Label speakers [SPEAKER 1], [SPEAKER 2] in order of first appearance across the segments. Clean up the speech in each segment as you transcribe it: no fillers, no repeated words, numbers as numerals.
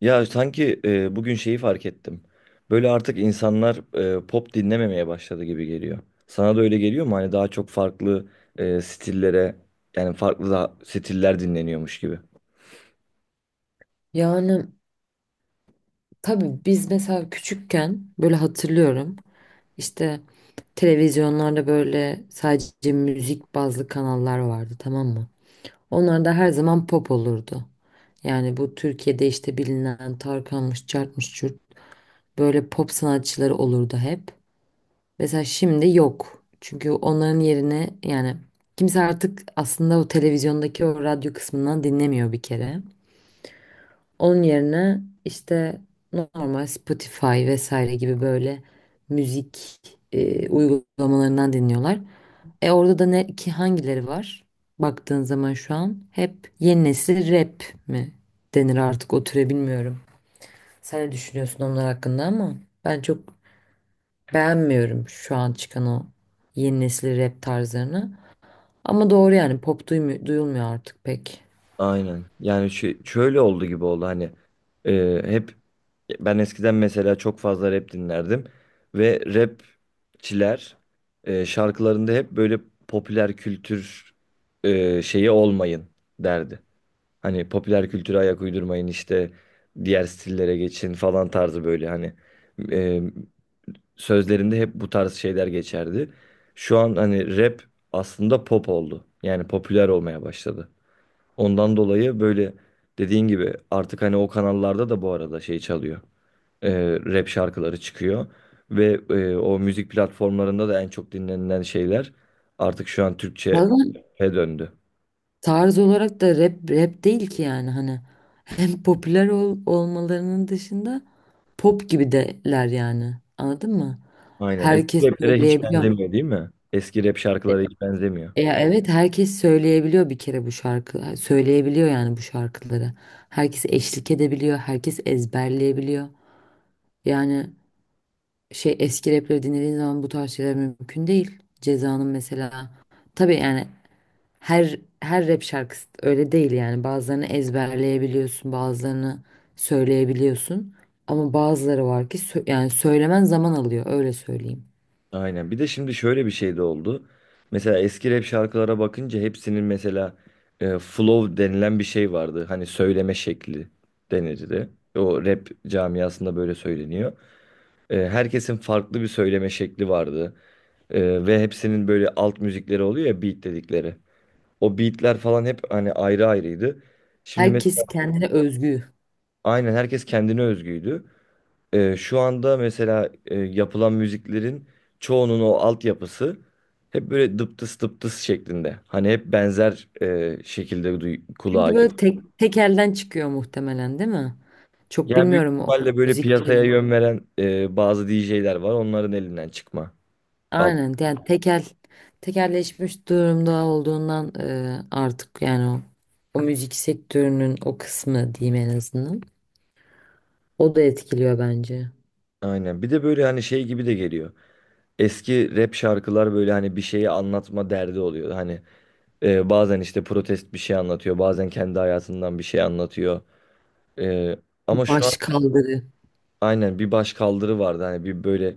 [SPEAKER 1] Ya sanki bugün şeyi fark ettim. Böyle artık insanlar pop dinlememeye başladı gibi geliyor. Sana da öyle geliyor mu? Hani daha çok farklı stillere yani farklı da stiller dinleniyormuş gibi.
[SPEAKER 2] Yani tabii biz mesela küçükken böyle hatırlıyorum işte televizyonlarda böyle sadece müzik bazlı kanallar vardı, tamam mı? Onlarda her zaman pop olurdu. Yani bu Türkiye'de işte bilinen Tarkan'mış, Cart'mış, Cürt, böyle pop sanatçıları olurdu hep. Mesela şimdi yok. Çünkü onların yerine yani kimse artık aslında o televizyondaki o radyo kısmından dinlemiyor bir kere. Onun yerine işte normal Spotify vesaire gibi böyle müzik uygulamalarından dinliyorlar. E orada da ne ki hangileri var? Baktığın zaman şu an hep yeni nesil rap mi denir artık o türe, bilmiyorum. Sen ne düşünüyorsun onlar hakkında? Ama ben çok beğenmiyorum şu an çıkan o yeni nesil rap tarzlarını. Ama doğru, yani pop duyulmuyor artık pek.
[SPEAKER 1] Aynen. Yani şöyle oldu gibi oldu hani e, hep ben eskiden mesela çok fazla rap dinlerdim ve rapçiler şarkılarında hep böyle popüler kültür şeyi olmayın derdi. Hani popüler kültüre ayak uydurmayın işte diğer stillere geçin falan tarzı böyle hani e, sözlerinde hep bu tarz şeyler geçerdi. Şu an hani rap aslında pop oldu. Yani popüler olmaya başladı. Ondan dolayı böyle dediğin gibi artık hani o kanallarda da bu arada şey çalıyor, e, rap şarkıları çıkıyor. Ve o müzik platformlarında da en çok dinlenilen şeyler artık şu an
[SPEAKER 2] Ya
[SPEAKER 1] Türkçe'ye döndü.
[SPEAKER 2] tarz olarak da rap rap değil ki, yani hani hem popüler olmalarının dışında pop gibi deler, yani anladın mı?
[SPEAKER 1] Aynen.
[SPEAKER 2] Herkes
[SPEAKER 1] Eski raplere hiç
[SPEAKER 2] söyleyebiliyor.
[SPEAKER 1] benzemiyor değil mi? Eski rap
[SPEAKER 2] E,
[SPEAKER 1] şarkılara hiç benzemiyor.
[SPEAKER 2] evet, herkes söyleyebiliyor bir kere bu şarkı söyleyebiliyor yani bu şarkıları. Herkes eşlik edebiliyor, herkes ezberleyebiliyor. Yani şey, eski rapleri dinlediğin zaman bu tarz şeyler mümkün değil. Ceza'nın mesela, tabii yani her rap şarkısı öyle değil yani. Bazılarını ezberleyebiliyorsun, bazılarını söyleyebiliyorsun. Ama bazıları var ki yani söylemen zaman alıyor, öyle söyleyeyim.
[SPEAKER 1] Aynen. Bir de şimdi şöyle bir şey de oldu. Mesela eski rap şarkılara bakınca hepsinin mesela flow denilen bir şey vardı. Hani söyleme şekli denirdi. O rap camiasında böyle söyleniyor. Herkesin farklı bir söyleme şekli vardı. Ve hepsinin böyle alt müzikleri oluyor ya, beat dedikleri. O beatler falan hep hani ayrı ayrıydı. Şimdi mes-
[SPEAKER 2] Herkes kendine özgü.
[SPEAKER 1] aynen, herkes kendine özgüydü. Şu anda mesela yapılan müziklerin çoğunun o altyapısı hep böyle dıptıs dıptıs şeklinde. Hani hep benzer şekilde
[SPEAKER 2] Çünkü
[SPEAKER 1] kulağa geliyor.
[SPEAKER 2] böyle tek tek elden çıkıyor muhtemelen, değil mi? Çok
[SPEAKER 1] Yani büyük
[SPEAKER 2] bilmiyorum o
[SPEAKER 1] ihtimalle böyle piyasaya yön
[SPEAKER 2] müziklerin.
[SPEAKER 1] veren bazı DJ'ler var. Onların elinden çıkma. Alt.
[SPEAKER 2] Aynen, yani tekel tekelleşmiş durumda olduğundan artık yani o müzik sektörünün o kısmı diyeyim en azından. O da etkiliyor bence.
[SPEAKER 1] Aynen. Bir de böyle hani şey gibi de geliyor. Eski rap şarkılar böyle hani bir şeyi anlatma derdi oluyor. Hani bazen işte protest bir şey anlatıyor, bazen kendi hayatından bir şey anlatıyor. E, Ama şu an
[SPEAKER 2] Baş kaldırı.
[SPEAKER 1] aynen, bir baş kaldırı vardı. Hani bir böyle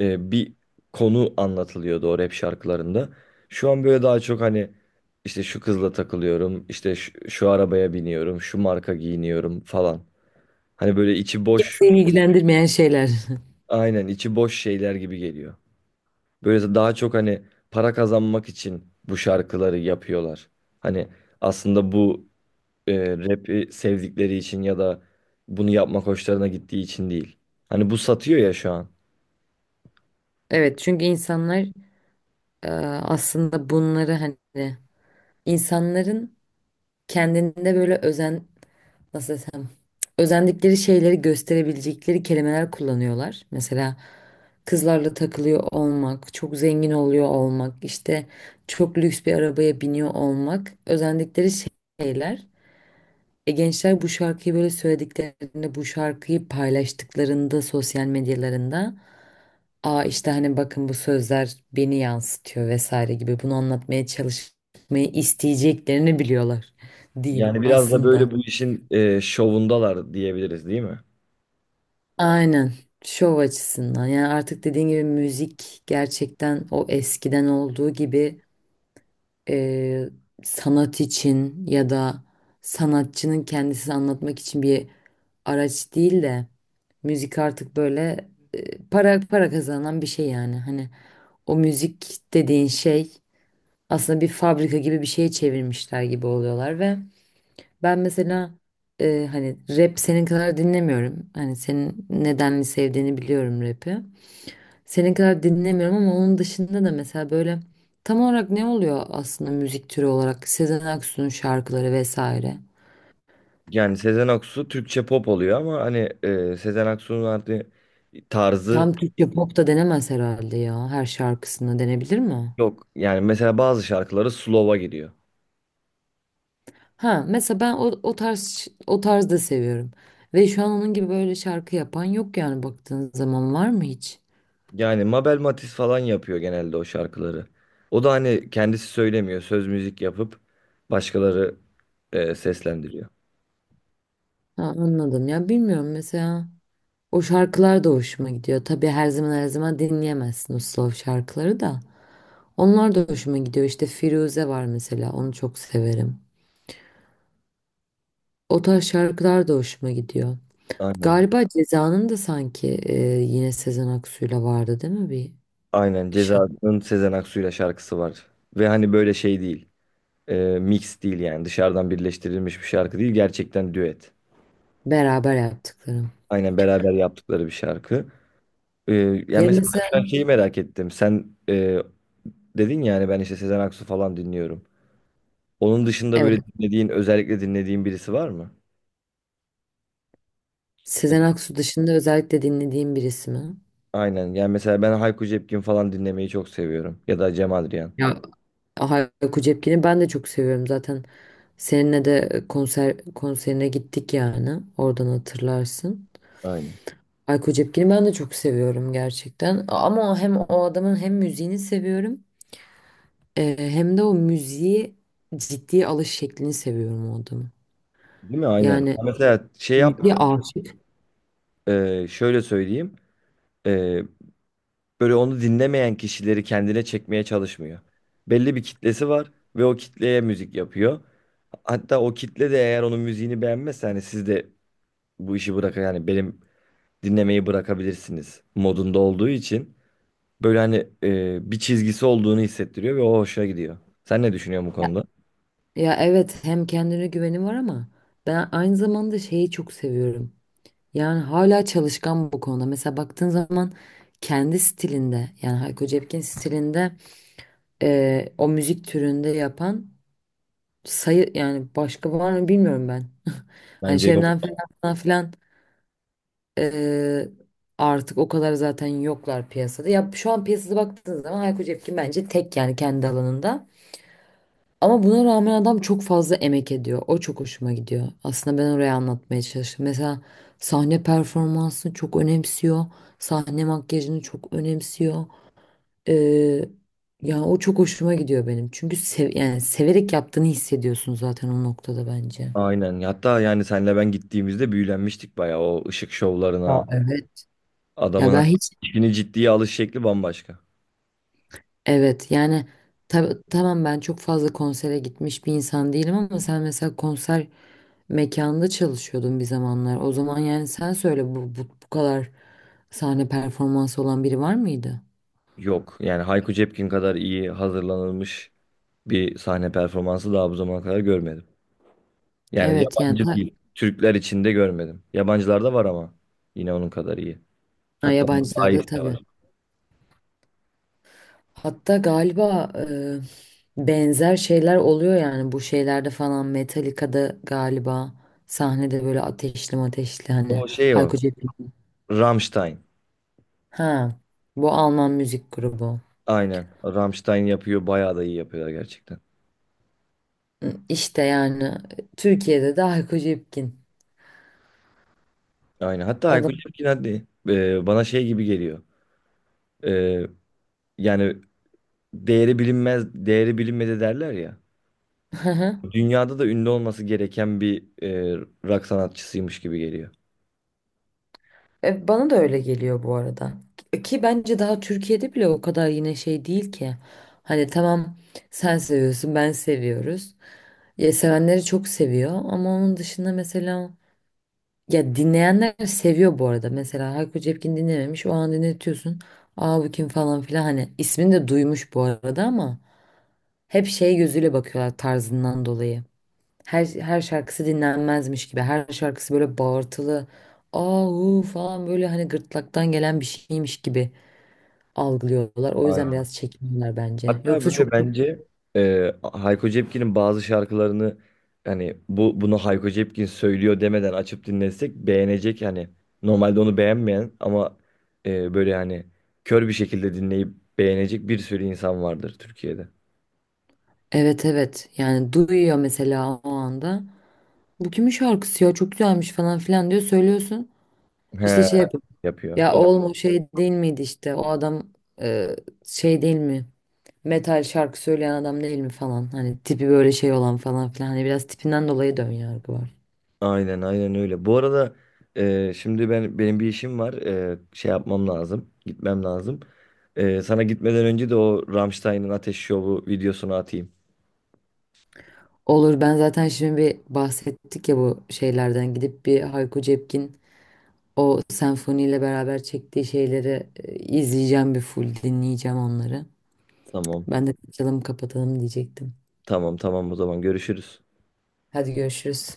[SPEAKER 1] bir konu anlatılıyordu o rap şarkılarında. Şu an böyle daha çok hani işte şu kızla takılıyorum, işte şu arabaya biniyorum, şu marka giyiniyorum falan. Hani böyle içi boş,
[SPEAKER 2] Kimseyi ilgilendirmeyen şeyler.
[SPEAKER 1] aynen içi boş şeyler gibi geliyor. Böyle daha çok hani para kazanmak için bu şarkıları yapıyorlar. Hani aslında bu rap'i sevdikleri için ya da bunu yapmak hoşlarına gittiği için değil. Hani bu satıyor ya şu an.
[SPEAKER 2] Evet, çünkü insanlar, e, aslında bunları hani insanların kendinde böyle özen, nasıl desem, özendikleri şeyleri gösterebilecekleri kelimeler kullanıyorlar. Mesela kızlarla takılıyor olmak, çok zengin oluyor olmak, işte çok lüks bir arabaya biniyor olmak özendikleri şeyler. E, gençler bu şarkıyı böyle söylediklerinde, bu şarkıyı paylaştıklarında sosyal medyalarında, aa işte hani bakın bu sözler beni yansıtıyor vesaire gibi, bunu anlatmaya çalışmayı isteyeceklerini biliyorlar diyeyim
[SPEAKER 1] Yani biraz da böyle
[SPEAKER 2] aslında.
[SPEAKER 1] bu işin şovundalar diyebiliriz değil mi?
[SPEAKER 2] Aynen. Şov açısından. Yani artık dediğin gibi müzik gerçekten o eskiden olduğu gibi e, sanat için ya da sanatçının kendisini anlatmak için bir araç değil de, müzik artık böyle para kazanan bir şey yani. Hani o müzik dediğin şey aslında bir fabrika gibi bir şeye çevirmişler gibi oluyorlar. Ve ben mesela hani rap senin kadar dinlemiyorum. Hani senin nedenli sevdiğini biliyorum rap'i. Senin kadar dinlemiyorum ama onun dışında da mesela böyle tam olarak ne oluyor aslında müzik türü olarak? Sezen Aksu'nun şarkıları vesaire.
[SPEAKER 1] Yani Sezen Aksu Türkçe pop oluyor ama hani Sezen Aksu'nun artık tarzı
[SPEAKER 2] Tam Türkçe pop da denemez herhalde ya. Her şarkısına denebilir mi?
[SPEAKER 1] yok. Yani mesela bazı şarkıları slow'a giriyor.
[SPEAKER 2] Ha mesela ben o tarz, o tarz da seviyorum. Ve şu an onun gibi böyle şarkı yapan yok yani, baktığın zaman var mı hiç?
[SPEAKER 1] Yani Mabel Matiz falan yapıyor genelde o şarkıları. O da hani kendisi söylemiyor. Söz müzik yapıp başkaları seslendiriyor.
[SPEAKER 2] Ha, anladım, ya bilmiyorum mesela. O şarkılar da hoşuma gidiyor. Tabii her zaman her zaman dinleyemezsin o slow şarkıları da. Onlar da hoşuma gidiyor. İşte Firuze var mesela. Onu çok severim. O tarz şarkılar da hoşuma gidiyor.
[SPEAKER 1] Aynen.
[SPEAKER 2] Galiba Ceza'nın da sanki, yine Sezen Aksu'yla vardı değil mi bir
[SPEAKER 1] Aynen.
[SPEAKER 2] şarkı?
[SPEAKER 1] Ceza'nın Sezen Aksu'yla şarkısı var. Ve hani böyle şey değil. Mix değil yani. Dışarıdan birleştirilmiş bir şarkı değil. Gerçekten düet.
[SPEAKER 2] Beraber yaptıklarım.
[SPEAKER 1] Aynen, beraber yaptıkları bir şarkı. E, Yani
[SPEAKER 2] Ya
[SPEAKER 1] mesela
[SPEAKER 2] mesela
[SPEAKER 1] ben şeyi merak ettim. Sen dedin ya hani ben işte Sezen Aksu falan dinliyorum. Onun dışında
[SPEAKER 2] evet,
[SPEAKER 1] böyle dinlediğin, özellikle dinlediğin birisi var mı?
[SPEAKER 2] Sezen Aksu dışında özellikle dinlediğim birisi mi?
[SPEAKER 1] Aynen. Yani mesela ben Hayko Cepkin falan dinlemeyi çok seviyorum. Ya da Cem Adrian.
[SPEAKER 2] Ya Hayko Cepkin'i ben de çok seviyorum zaten. Seninle de konserine gittik yani. Oradan hatırlarsın.
[SPEAKER 1] Aynen.
[SPEAKER 2] Ayko Cepkin'i ben de çok seviyorum gerçekten. Ama hem o adamın hem müziğini seviyorum. Hem de o müziği ciddiye alış şeklini seviyorum o adamın.
[SPEAKER 1] Değil mi? Aynen.
[SPEAKER 2] Yani
[SPEAKER 1] Mesela şey yap,
[SPEAKER 2] müziğe aşık.
[SPEAKER 1] şöyle söyleyeyim. E, Böyle onu dinlemeyen kişileri kendine çekmeye çalışmıyor. Belli bir kitlesi var ve o kitleye müzik yapıyor. Hatta o kitle de eğer onun müziğini beğenmezse, hani siz de bu işi bırakın yani benim dinlemeyi bırakabilirsiniz modunda olduğu için böyle hani bir çizgisi olduğunu hissettiriyor ve o hoşuna gidiyor. Sen ne düşünüyorsun bu
[SPEAKER 2] Ya,
[SPEAKER 1] konuda?
[SPEAKER 2] ya, evet, hem kendine güveni var ama ben aynı zamanda şeyi çok seviyorum. Yani hala çalışkan bu konuda. Mesela baktığın zaman kendi stilinde, yani Hayko Cepkin stilinde, o müzik türünde yapan sayı yani başka var mı bilmiyorum ben. Hani
[SPEAKER 1] Bence yok.
[SPEAKER 2] Şebnem falan filan, eee, artık o kadar zaten yoklar piyasada. Ya şu an piyasada baktığınız zaman Hayko Cepkin bence tek yani kendi alanında. Ama buna rağmen adam çok fazla emek ediyor. O çok hoşuma gidiyor. Aslında ben oraya anlatmaya çalıştım. Mesela sahne performansını çok önemsiyor. Sahne makyajını çok önemsiyor. Eee ya o çok hoşuma gidiyor benim. Çünkü yani severek yaptığını hissediyorsun zaten o noktada bence.
[SPEAKER 1] Aynen. Hatta yani senle ben gittiğimizde büyülenmiştik bayağı o ışık
[SPEAKER 2] Ya
[SPEAKER 1] şovlarına.
[SPEAKER 2] evet. Ya
[SPEAKER 1] Adamın
[SPEAKER 2] ben hiç,
[SPEAKER 1] işini ciddiye alış şekli bambaşka.
[SPEAKER 2] evet yani tamam, ben çok fazla konsere gitmiş bir insan değilim ama sen mesela konser mekanında çalışıyordun bir zamanlar. O zaman yani sen söyle, bu kadar sahne performansı olan biri var mıydı?
[SPEAKER 1] Yok. Yani Hayko Cepkin kadar iyi hazırlanılmış bir sahne performansı daha bu zamana kadar görmedim. Yani
[SPEAKER 2] Evet yani
[SPEAKER 1] yabancı değil, Türkler içinde görmedim. Yabancılarda var ama yine onun kadar iyi.
[SPEAKER 2] ha,
[SPEAKER 1] Hatta daha
[SPEAKER 2] yabancılarda
[SPEAKER 1] iyisi de
[SPEAKER 2] tabii.
[SPEAKER 1] var.
[SPEAKER 2] Hatta galiba benzer şeyler oluyor yani bu şeylerde falan, Metallica'da galiba sahnede böyle ateşli ateşli, hani
[SPEAKER 1] O şey o.
[SPEAKER 2] Hayko Cepkin.
[SPEAKER 1] Rammstein.
[SPEAKER 2] Ha, bu Alman müzik grubu.
[SPEAKER 1] Aynen. Rammstein yapıyor. Bayağı da iyi yapıyorlar gerçekten.
[SPEAKER 2] Hı, İşte yani Türkiye'de de Hayko Cepkin
[SPEAKER 1] Aynen. Hatta Hayko
[SPEAKER 2] adam.
[SPEAKER 1] Cepkin de bana şey gibi geliyor. E, Yani değeri bilinmez, değeri bilinmedi derler ya.
[SPEAKER 2] Hı hı.
[SPEAKER 1] Dünyada da ünlü olması gereken bir rock sanatçısıymış gibi geliyor.
[SPEAKER 2] E, bana da öyle geliyor bu arada. Ki bence daha Türkiye'de bile o kadar yine şey değil ki. Hani tamam, sen seviyorsun, ben seviyoruz. Ya sevenleri çok seviyor ama onun dışında mesela, ya dinleyenler seviyor bu arada. Mesela Hayko Cepkin dinlememiş, o an dinletiyorsun. Aa bu kim falan filan, hani ismini de duymuş bu arada ama hep şey gözüyle bakıyorlar tarzından dolayı. Her şarkısı dinlenmezmiş gibi. Her şarkısı böyle bağırtılı. Ahu falan, böyle hani gırtlaktan gelen bir şeymiş gibi algılıyorlar. O yüzden
[SPEAKER 1] Aynen.
[SPEAKER 2] biraz çekiniyorlar bence.
[SPEAKER 1] Hatta
[SPEAKER 2] Yoksa
[SPEAKER 1] böyle
[SPEAKER 2] çok çok,
[SPEAKER 1] bence Hayko Cepkin'in bazı şarkılarını hani bunu Hayko Cepkin söylüyor demeden açıp dinlesek beğenecek yani, normalde onu beğenmeyen ama böyle yani kör bir şekilde dinleyip beğenecek bir sürü insan vardır Türkiye'de.
[SPEAKER 2] evet evet, yani duyuyor mesela o anda. Bu kimin şarkısı ya, çok güzelmiş falan filan diyor, söylüyorsun. İşte
[SPEAKER 1] He
[SPEAKER 2] şey yapıyor.
[SPEAKER 1] yapıyor.
[SPEAKER 2] Ya
[SPEAKER 1] O,
[SPEAKER 2] oğlum o şey değil miydi işte o adam, e, şey değil mi? Metal şarkı söyleyen adam değil mi falan. Hani tipi böyle şey olan falan filan. Hani biraz tipinden dolayı dön yargı var.
[SPEAKER 1] aynen aynen öyle. Bu arada şimdi ben benim bir işim var. Şey yapmam lazım. Gitmem lazım. Sana gitmeden önce de o Rammstein'ın Ateş Şovu videosunu atayım.
[SPEAKER 2] Olur, ben zaten şimdi bir bahsettik ya bu şeylerden, gidip bir Hayko Cepkin o senfoniyle beraber çektiği şeyleri izleyeceğim, bir full dinleyeceğim onları.
[SPEAKER 1] Tamam.
[SPEAKER 2] Ben de açalım kapatalım diyecektim.
[SPEAKER 1] Tamam tamam, o zaman görüşürüz.
[SPEAKER 2] Hadi görüşürüz.